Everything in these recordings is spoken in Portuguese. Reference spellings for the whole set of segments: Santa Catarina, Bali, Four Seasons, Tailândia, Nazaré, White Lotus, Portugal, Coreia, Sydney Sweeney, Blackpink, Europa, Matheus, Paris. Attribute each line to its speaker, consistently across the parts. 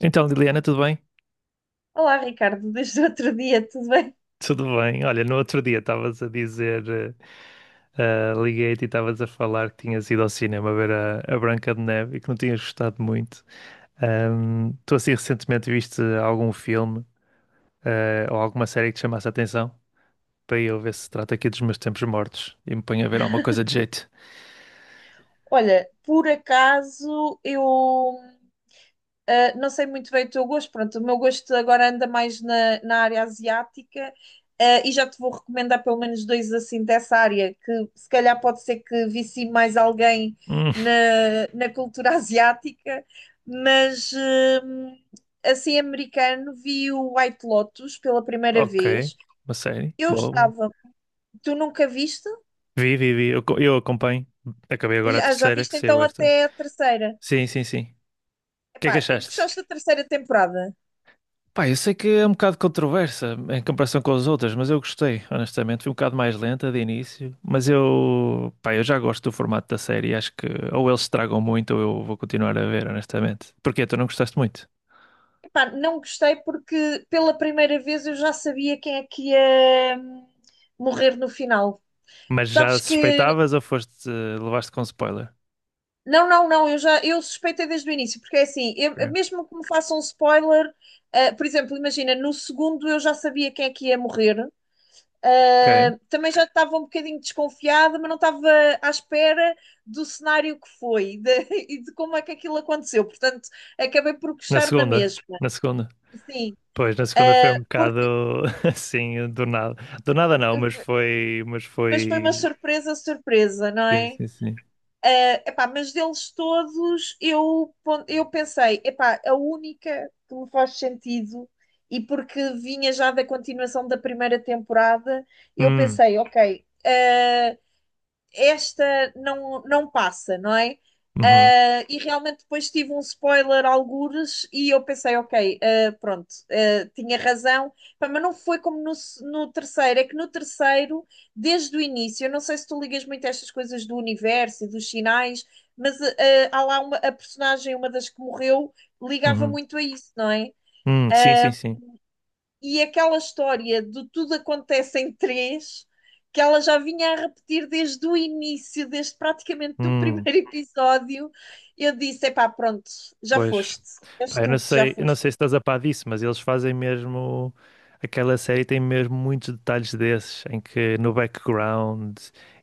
Speaker 1: Então, Liliana, tudo bem?
Speaker 2: Olá, Ricardo, desde o outro dia, tudo bem?
Speaker 1: Tudo bem. Olha, no outro dia estavas a dizer, liguei-te e estavas a falar que tinhas ido ao cinema ver a Branca de Neve e que não tinhas gostado muito. Tu assim recentemente viste algum filme, ou alguma série que te chamasse a atenção? Para eu ver se trata aqui dos meus tempos mortos e me ponho a ver alguma coisa de jeito.
Speaker 2: Olha, por acaso eu não sei muito bem o teu gosto, pronto, o meu gosto agora anda mais na área asiática, e já te vou recomendar pelo menos dois assim dessa área, que se calhar pode ser que vici mais alguém
Speaker 1: Hum,
Speaker 2: na, na cultura asiática, mas assim americano vi o White Lotus pela primeira
Speaker 1: ok.
Speaker 2: vez.
Speaker 1: Uma série?
Speaker 2: Eu
Speaker 1: Boa, boa.
Speaker 2: estava, Tu nunca viste?
Speaker 1: Vi, vi, vi. Eu acompanho. Acabei agora a
Speaker 2: Já, já
Speaker 1: terceira que
Speaker 2: viste
Speaker 1: saiu
Speaker 2: então
Speaker 1: esta.
Speaker 2: até a terceira?
Speaker 1: Sim, sim, sim. O que é
Speaker 2: Epá,
Speaker 1: que achaste?
Speaker 2: gostaste da terceira temporada?
Speaker 1: Pá, eu sei que é um bocado controversa em comparação com as outras, mas eu gostei, honestamente. Foi um bocado mais lenta de início, mas eu já gosto do formato da série. Acho que ou eles estragam muito ou eu vou continuar a ver, honestamente. Porque tu não gostaste muito,
Speaker 2: Epá, não gostei porque pela primeira vez eu já sabia quem é que ia morrer no final.
Speaker 1: mas já
Speaker 2: Sabes que.
Speaker 1: suspeitavas ou levaste com spoiler?
Speaker 2: Não, não, não, eu já eu suspeitei desde o início, porque é assim,
Speaker 1: Ok.
Speaker 2: mesmo que me façam um spoiler, por exemplo, imagina, no segundo eu já sabia quem é que ia morrer.
Speaker 1: Ok.
Speaker 2: Também já estava um bocadinho desconfiada, mas não estava à espera do cenário que foi e de como é que aquilo aconteceu. Portanto, acabei por
Speaker 1: Na
Speaker 2: gostar na
Speaker 1: segunda,
Speaker 2: mesma.
Speaker 1: na segunda.
Speaker 2: Sim,
Speaker 1: Pois, na segunda foi um
Speaker 2: uh,
Speaker 1: bocado
Speaker 2: porque,
Speaker 1: assim, do nada. Do nada não, mas foi, mas
Speaker 2: mas foi uma
Speaker 1: foi.
Speaker 2: surpresa, não
Speaker 1: Sim,
Speaker 2: é?
Speaker 1: sim, sim.
Speaker 2: Epá, mas deles todos, eu, eu pensei, epá, a única que me faz sentido, e porque vinha já da continuação da primeira temporada, eu
Speaker 1: Hum,
Speaker 2: pensei, ok. Esta não, não passa, não é?
Speaker 1: uhum,
Speaker 2: Ah, e realmente depois tive um spoiler algures e eu pensei, ok, ah, pronto, ah, tinha razão. Pá, mas não foi como no, no terceiro, é que no terceiro, desde o início, eu não sei se tu ligas muito a estas coisas do universo e dos sinais, mas há lá a personagem, uma das que morreu, ligava
Speaker 1: uhum.
Speaker 2: muito a isso, não é?
Speaker 1: Sim, sim, sim.
Speaker 2: E aquela história de tudo acontece em três, que ela já vinha a repetir desde o início, desde praticamente do
Speaker 1: Hum,
Speaker 2: primeiro episódio, eu disse: epá, pronto, já
Speaker 1: pois.
Speaker 2: foste, és
Speaker 1: Pá,
Speaker 2: tu que já
Speaker 1: eu não
Speaker 2: foste.
Speaker 1: sei se estás a par disso, mas eles fazem mesmo. Aquela série tem mesmo muitos detalhes desses, em que no background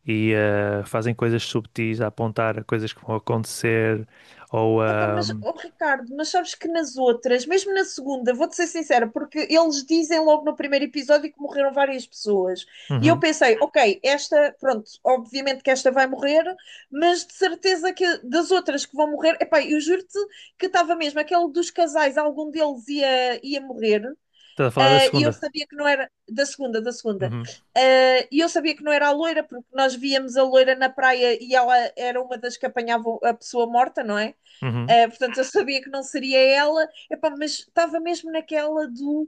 Speaker 1: fazem coisas subtis a apontar a coisas que vão acontecer. Ou.
Speaker 2: Epá,
Speaker 1: ah,
Speaker 2: mas, oh, Ricardo, mas sabes que nas outras, mesmo na segunda, vou-te ser sincera, porque eles dizem logo no primeiro episódio que morreram várias pessoas. E eu
Speaker 1: uhum.
Speaker 2: pensei, ok, esta, pronto, obviamente que esta vai morrer, mas de certeza que das outras que vão morrer, epá, eu juro-te que estava mesmo, aquele dos casais, algum deles ia morrer.
Speaker 1: Estás a falar da
Speaker 2: E eu
Speaker 1: segunda?
Speaker 2: sabia que não era da segunda,
Speaker 1: Uhum,
Speaker 2: E eu sabia que não era a loira, porque nós víamos a loira na praia e ela era uma das que apanhavam a pessoa morta, não é?
Speaker 1: uhum,
Speaker 2: Portanto, eu sabia que não seria ela. Epá, mas estava mesmo naquela do.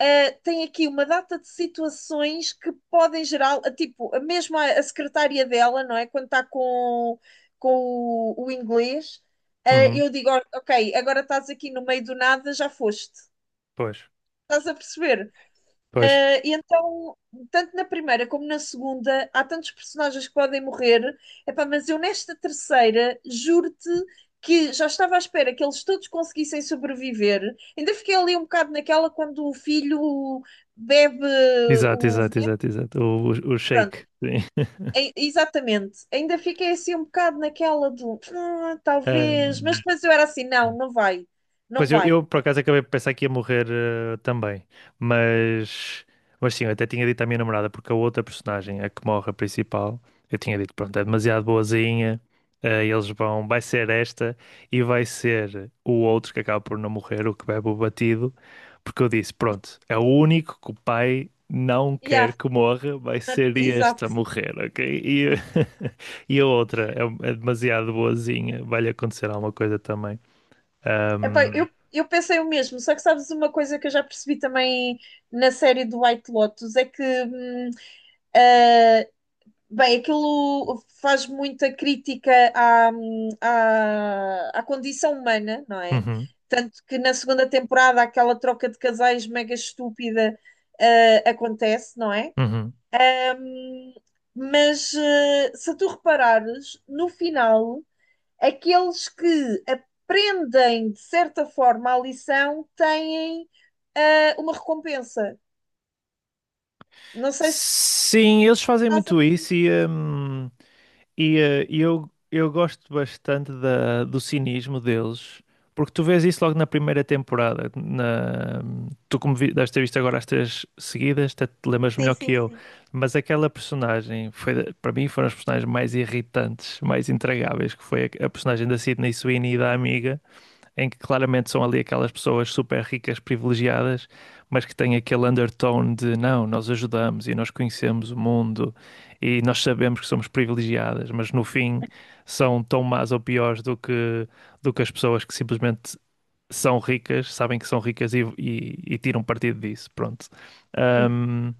Speaker 2: Tem aqui uma data de situações que podem gerar. Tipo, a mesma a secretária dela, não é? Quando está com o inglês,
Speaker 1: uhum.
Speaker 2: eu digo: ok, agora estás aqui no meio do nada, já foste.
Speaker 1: Pois,
Speaker 2: Estás a perceber?
Speaker 1: pois.
Speaker 2: E então, tanto na primeira como na segunda, há tantos personagens que podem morrer. Epá, mas eu nesta terceira, juro-te que já estava à espera que eles todos conseguissem sobreviver. Ainda fiquei ali um bocado naquela quando o filho bebe
Speaker 1: Exato,
Speaker 2: o
Speaker 1: exato,
Speaker 2: veneno.
Speaker 1: exato, exato. O
Speaker 2: Pronto,
Speaker 1: shake. Sim.
Speaker 2: exatamente. Ainda fiquei assim um bocado naquela do "Ah,
Speaker 1: Ah,
Speaker 2: talvez", mas depois eu era assim, não, não vai, não
Speaker 1: pois
Speaker 2: vai.
Speaker 1: eu, por acaso acabei de pensar que ia morrer também, mas, mas sim, eu até tinha dito à minha namorada, porque a outra personagem, a que morre, a principal, eu tinha dito, pronto, é demasiado boazinha, eles vão, vai ser esta e vai ser o outro que acaba por não morrer, o que bebe o batido, porque eu disse, pronto, é o único que o pai não quer
Speaker 2: Yeah,
Speaker 1: que morra, vai ser
Speaker 2: exato.
Speaker 1: este a morrer, ok? E, e a outra é, é demasiado boazinha, vai-lhe acontecer alguma coisa também.
Speaker 2: Epá, eu pensei o mesmo, só que sabes uma coisa que eu já percebi também na série do White Lotus é que, eh, bem, aquilo faz muita crítica à, à condição humana, não é?
Speaker 1: Uhum,
Speaker 2: Tanto que na segunda temporada aquela troca de casais mega estúpida, acontece, não é?
Speaker 1: uhum.
Speaker 2: Hum, mas se tu reparares, no final aqueles que aprendem, de certa forma, a lição têm uma recompensa. Não sei se
Speaker 1: Sim, eles fazem
Speaker 2: estás a.
Speaker 1: muito isso e, e eu gosto bastante da, do cinismo deles, porque tu vês isso logo na primeira temporada. Na, tu, como vi, deves ter visto agora as três seguidas, até te lembras
Speaker 2: Sim,
Speaker 1: melhor que
Speaker 2: sim,
Speaker 1: eu,
Speaker 2: sim.
Speaker 1: mas aquela personagem, foi, para mim, foram as personagens mais irritantes, mais intragáveis, que foi a personagem da Sydney Sweeney e da amiga, em que claramente são ali aquelas pessoas super ricas, privilegiadas, mas que têm aquele undertone de não, nós ajudamos e nós conhecemos o mundo e nós sabemos que somos privilegiadas, mas no fim são tão más ou piores do que as pessoas que simplesmente são ricas, sabem que são ricas e tiram partido disso. Pronto.
Speaker 2: Sim,
Speaker 1: Ahm,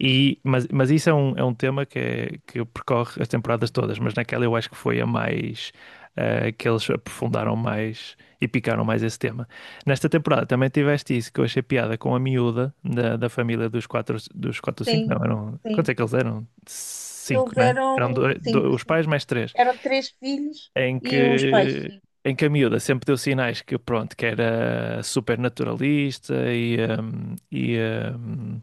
Speaker 1: e, mas isso é é um tema que, que percorre as temporadas todas, mas naquela eu acho que foi a mais, que eles aprofundaram mais e picaram mais esse tema. Nesta temporada também tiveste isso, que eu achei piada com a miúda da família dos quatro ou cinco,
Speaker 2: sim,
Speaker 1: não, eram,
Speaker 2: sim.
Speaker 1: quantos é que eles eram? Cinco,
Speaker 2: Eles
Speaker 1: né?
Speaker 2: eram
Speaker 1: Eram dois,
Speaker 2: cinco,
Speaker 1: os
Speaker 2: sim.
Speaker 1: pais mais três,
Speaker 2: Eram três filhos
Speaker 1: em
Speaker 2: e os pais,
Speaker 1: que,
Speaker 2: sim.
Speaker 1: em que a miúda sempre deu sinais que, pronto, que era super naturalista e, hum, e hum,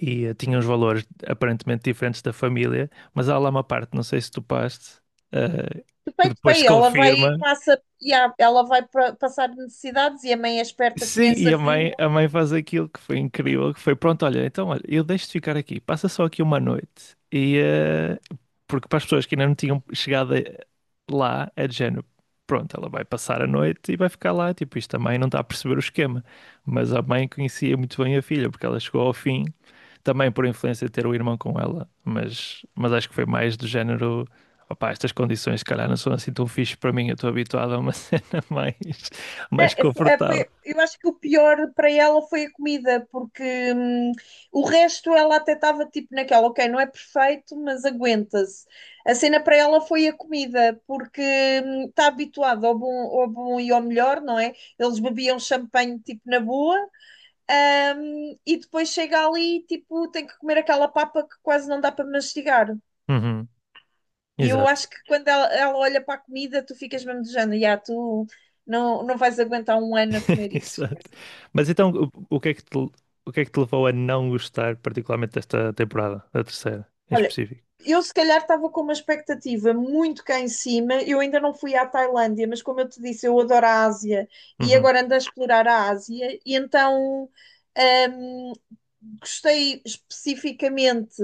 Speaker 1: e eh, tinha uns valores aparentemente diferentes da família, mas há lá uma parte, não sei se tu paste, eh,
Speaker 2: De
Speaker 1: que
Speaker 2: peito para
Speaker 1: depois se
Speaker 2: aí, ela vai
Speaker 1: confirma.
Speaker 2: passa, ela vai passar necessidades e a mãe é esperta,
Speaker 1: Sim,
Speaker 2: conhece
Speaker 1: e
Speaker 2: a filha.
Speaker 1: a mãe faz aquilo que foi incrível, que foi pronto, olha, então olha, eu deixo-te ficar aqui, passa só aqui uma noite. E porque para as pessoas que ainda não tinham chegado lá, é de género, pronto, ela vai passar a noite e vai ficar lá, tipo, isto a mãe não está a perceber o esquema. Mas a mãe conhecia muito bem a filha, porque ela chegou ao fim também por influência de ter o irmão com ela, mas acho que foi mais do género. Opá, estas condições, se calhar, não são assim tão fixe para mim. Eu estou habituado a uma cena mais,
Speaker 2: Né,
Speaker 1: mais
Speaker 2: É, é,
Speaker 1: confortável.
Speaker 2: eu acho que o pior para ela foi a comida, porque hum, o resto ela até estava tipo naquela, ok, não é perfeito, mas aguenta-se. A cena para ela foi a comida, porque está habituada ao bom e ao melhor, não é? Eles bebiam champanhe tipo na boa, e depois chega ali e tipo tem que comer aquela papa que quase não dá para mastigar.
Speaker 1: Uhum,
Speaker 2: E eu
Speaker 1: exato.
Speaker 2: acho que quando ela olha para a comida, tu ficas mesmo de género, "Ya, tu não, não vais aguentar um ano a comer isso".
Speaker 1: Exato. Mas então, o que é que te, o que é que te levou a não gostar particularmente desta temporada, da terceira, em
Speaker 2: Olha,
Speaker 1: específico?
Speaker 2: eu se calhar estava com uma expectativa muito cá em cima. Eu ainda não fui à Tailândia, mas como eu te disse, eu adoro a Ásia e
Speaker 1: Uhum,
Speaker 2: agora ando a explorar a Ásia. E então, hum, gostei especificamente.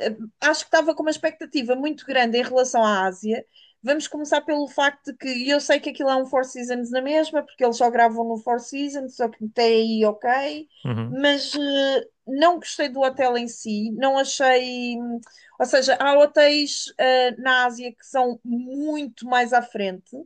Speaker 2: Eh, Acho que estava com uma expectativa muito grande em relação à Ásia. Vamos começar pelo facto de que e eu sei que aquilo é um Four Seasons na mesma, porque eles só gravam no Four Seasons, só que até aí ok,
Speaker 1: uhum,
Speaker 2: mas não gostei do hotel em si, não achei. Ou seja, há hotéis na Ásia que são muito mais à frente.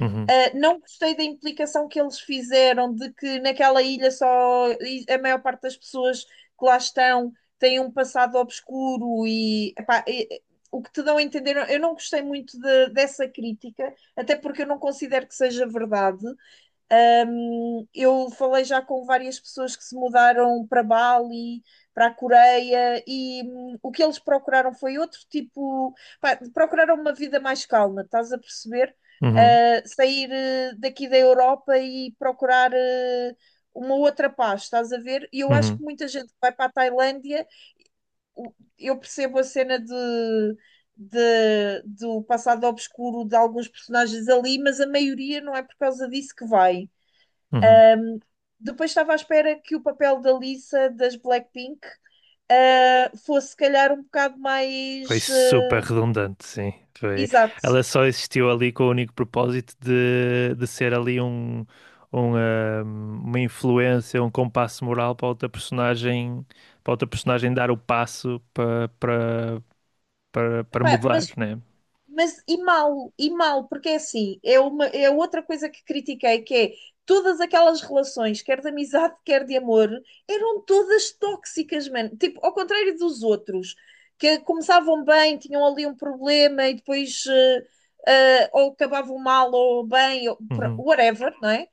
Speaker 1: uhum,
Speaker 2: Não gostei da implicação que eles fizeram de que naquela ilha só a maior parte das pessoas que lá estão têm um passado obscuro e, epá, o que te dão a entender. Eu não gostei muito dessa crítica, até porque eu não considero que seja verdade. Um, eu falei já com várias pessoas que se mudaram para Bali, para a Coreia, e o que eles procuraram foi outro tipo. Pá, procuraram uma vida mais calma, estás a perceber?
Speaker 1: uhum,
Speaker 2: Sair daqui da Europa e procurar uma outra paz, estás a ver? E eu acho
Speaker 1: uhum,
Speaker 2: que muita gente que vai para a Tailândia, eu percebo a cena de. Do passado obscuro de alguns personagens ali, mas a maioria não é por causa disso que vai.
Speaker 1: uhum, uhum.
Speaker 2: Depois estava à espera que o papel da Lisa das Blackpink fosse, se calhar, um bocado
Speaker 1: Foi
Speaker 2: mais
Speaker 1: super redundante, sim. Foi...
Speaker 2: exato.
Speaker 1: Ela só existiu ali com o único propósito de ser ali um, uma influência, um compasso moral para outra personagem dar o passo para, para, para, para
Speaker 2: Pá,
Speaker 1: mudar,
Speaker 2: mas,
Speaker 1: né?
Speaker 2: e mal, porque é assim, é outra coisa que critiquei, que é todas aquelas relações, quer de amizade, quer de amor, eram todas tóxicas, mano. Tipo, ao contrário dos outros, que começavam bem, tinham ali um problema e depois ou acabavam mal ou bem, ou,
Speaker 1: Uhum,
Speaker 2: whatever, não é?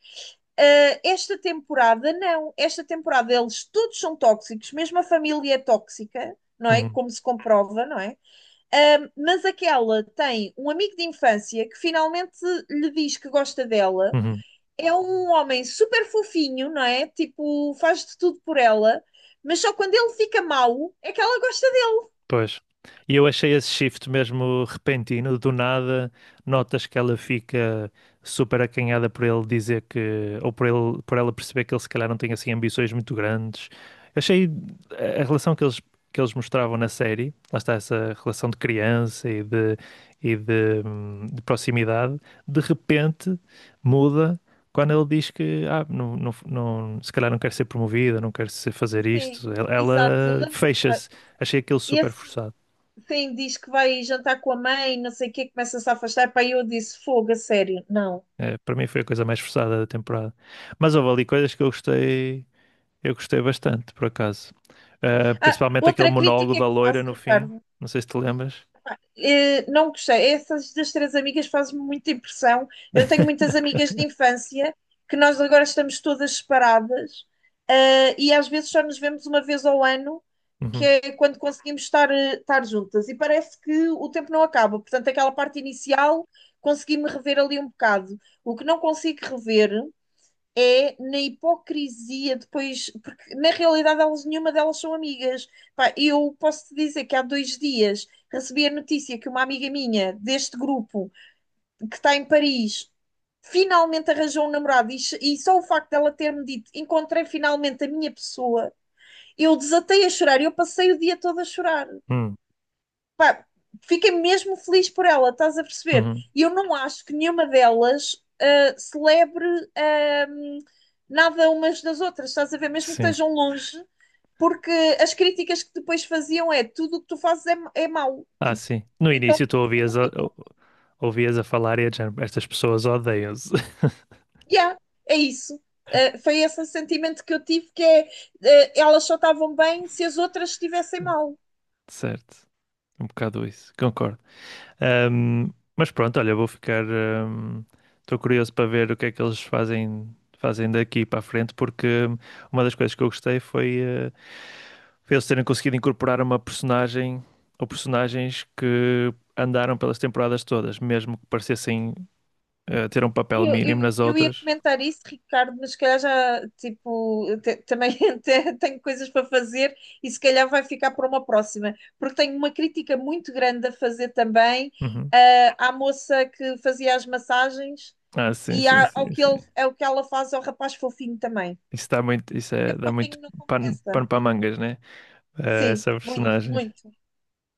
Speaker 2: Esta temporada, não. Esta temporada eles todos são tóxicos, mesmo a família é tóxica, não é?
Speaker 1: uhum,
Speaker 2: Como se comprova, não é? Mas aquela tem um amigo de infância que finalmente lhe diz que gosta dela.
Speaker 1: uhum.
Speaker 2: É um homem super fofinho, não é? Tipo, faz de tudo por ela, mas só quando ele fica mau é que ela gosta dele.
Speaker 1: Pois. E eu achei esse shift mesmo repentino, do nada, notas que ela fica super acanhada por ele dizer que, ou por ele, por ela perceber que ele se calhar não tem assim ambições muito grandes. Eu achei a relação que eles mostravam na série, lá está essa relação de criança e de, de proximidade, de repente muda quando ele diz que não, não, se calhar não quer ser promovida, não quer ser fazer
Speaker 2: Sim,
Speaker 1: isto. Ela ela
Speaker 2: exato.
Speaker 1: fecha-se. Achei aquilo super
Speaker 2: Esse,
Speaker 1: forçado.
Speaker 2: sim, diz que vai jantar com a mãe, não sei o quê, começa-se a afastar. Pá, eu disse, fogo, a sério, não.
Speaker 1: É, para mim foi a coisa mais forçada da temporada. Mas houve ali coisas que eu gostei bastante, por acaso. Ah,
Speaker 2: Ah,
Speaker 1: principalmente aquele
Speaker 2: outra
Speaker 1: monólogo
Speaker 2: crítica
Speaker 1: da
Speaker 2: que
Speaker 1: loira
Speaker 2: faço,
Speaker 1: no fim.
Speaker 2: Ricardo,
Speaker 1: Não sei se te lembras.
Speaker 2: não gostei. Essas das três amigas fazem-me muita impressão. Eu tenho muitas amigas de infância que nós agora estamos todas separadas, e às vezes só nos vemos uma vez ao ano, que
Speaker 1: Uhum,
Speaker 2: é quando conseguimos estar, estar juntas. E parece que o tempo não acaba. Portanto, aquela parte inicial consegui-me rever ali um bocado. O que não consigo rever é na hipocrisia depois, porque na realidade elas, nenhuma delas são amigas. Pá, eu posso te dizer que há dois dias recebi a notícia que uma amiga minha deste grupo, que está em Paris, finalmente arranjou um namorado e só o facto dela ter-me dito encontrei finalmente a minha pessoa, eu desatei a chorar, eu passei o dia todo a chorar,
Speaker 1: uhum,
Speaker 2: pá, fiquei mesmo feliz por ela, estás a perceber?
Speaker 1: uhum.
Speaker 2: E eu não acho que nenhuma delas celebre um, nada umas das outras, estás a ver? Mesmo que
Speaker 1: Sim.
Speaker 2: estejam longe, porque as críticas que depois faziam é tudo o que tu fazes é, é mau.
Speaker 1: Ah,
Speaker 2: Tipo,
Speaker 1: sim. No
Speaker 2: então,
Speaker 1: início tu
Speaker 2: foi
Speaker 1: ouvias
Speaker 2: muito tipo,
Speaker 1: ouvias a falar e a dizer, estas pessoas odeiam-se.
Speaker 2: yeah, é isso. Foi esse sentimento que eu tive que é, elas só estavam bem se as outras estivessem mal.
Speaker 1: Certo. Um bocado isso. Concordo. Mas pronto, olha, vou ficar. Estou curioso para ver o que é que eles fazem, fazem daqui para a frente, porque uma das coisas que eu gostei foi, foi eles terem conseguido incorporar uma personagem ou personagens que andaram pelas temporadas todas, mesmo que parecessem ter um papel
Speaker 2: Eu,
Speaker 1: mínimo
Speaker 2: eu,
Speaker 1: nas
Speaker 2: eu ia
Speaker 1: outras.
Speaker 2: comentar isso, Ricardo, mas se calhar já, tipo, também tenho coisas para fazer e se calhar vai ficar para uma próxima, porque tenho uma crítica muito grande a fazer também,
Speaker 1: Uhum.
Speaker 2: ah, à moça que fazia as massagens
Speaker 1: Ah, sim, sim,
Speaker 2: ao
Speaker 1: sim,
Speaker 2: que
Speaker 1: sim.
Speaker 2: ela faz ao rapaz fofinho também.
Speaker 1: Isso dá muito,
Speaker 2: É
Speaker 1: dá muito
Speaker 2: fofinho não
Speaker 1: pano,
Speaker 2: compensa.
Speaker 1: pano para mangas, né?
Speaker 2: Sim,
Speaker 1: Essa
Speaker 2: muito,
Speaker 1: personagem.
Speaker 2: muito.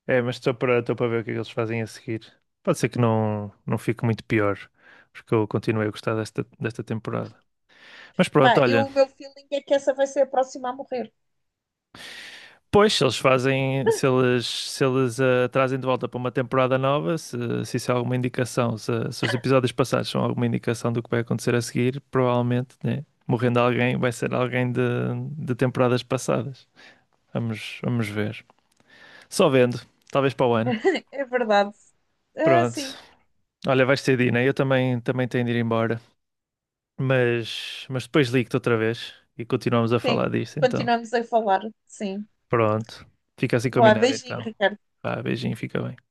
Speaker 1: É, mas estou para, estou para ver o que é que eles fazem a seguir. Pode ser que não, não fique muito pior, porque eu continuei a gostar desta, desta temporada. Mas pronto,
Speaker 2: Pá, eu,
Speaker 1: olha,
Speaker 2: o meu feeling é que essa vai ser a próxima a morrer.
Speaker 1: pois se eles fazem, se eles, se eles trazem de volta para uma temporada nova, se isso é alguma indicação, se os episódios passados são alguma indicação do que vai acontecer a seguir, provavelmente, né, morrendo alguém, vai ser alguém de temporadas passadas. Vamos, vamos ver. Só vendo, talvez para o ano.
Speaker 2: É verdade. Ah,
Speaker 1: Pronto.
Speaker 2: sim,
Speaker 1: Olha, vais ter de ir, né? Eu também, também tenho de ir embora. Mas depois ligo-te outra vez e continuamos a
Speaker 2: sim.
Speaker 1: falar disto, então.
Speaker 2: Continuamos a falar, sim.
Speaker 1: Pronto. Fica assim
Speaker 2: Boa,
Speaker 1: combinado,
Speaker 2: beijinho,
Speaker 1: então.
Speaker 2: Ricardo.
Speaker 1: Vá, beijinho, fica bem.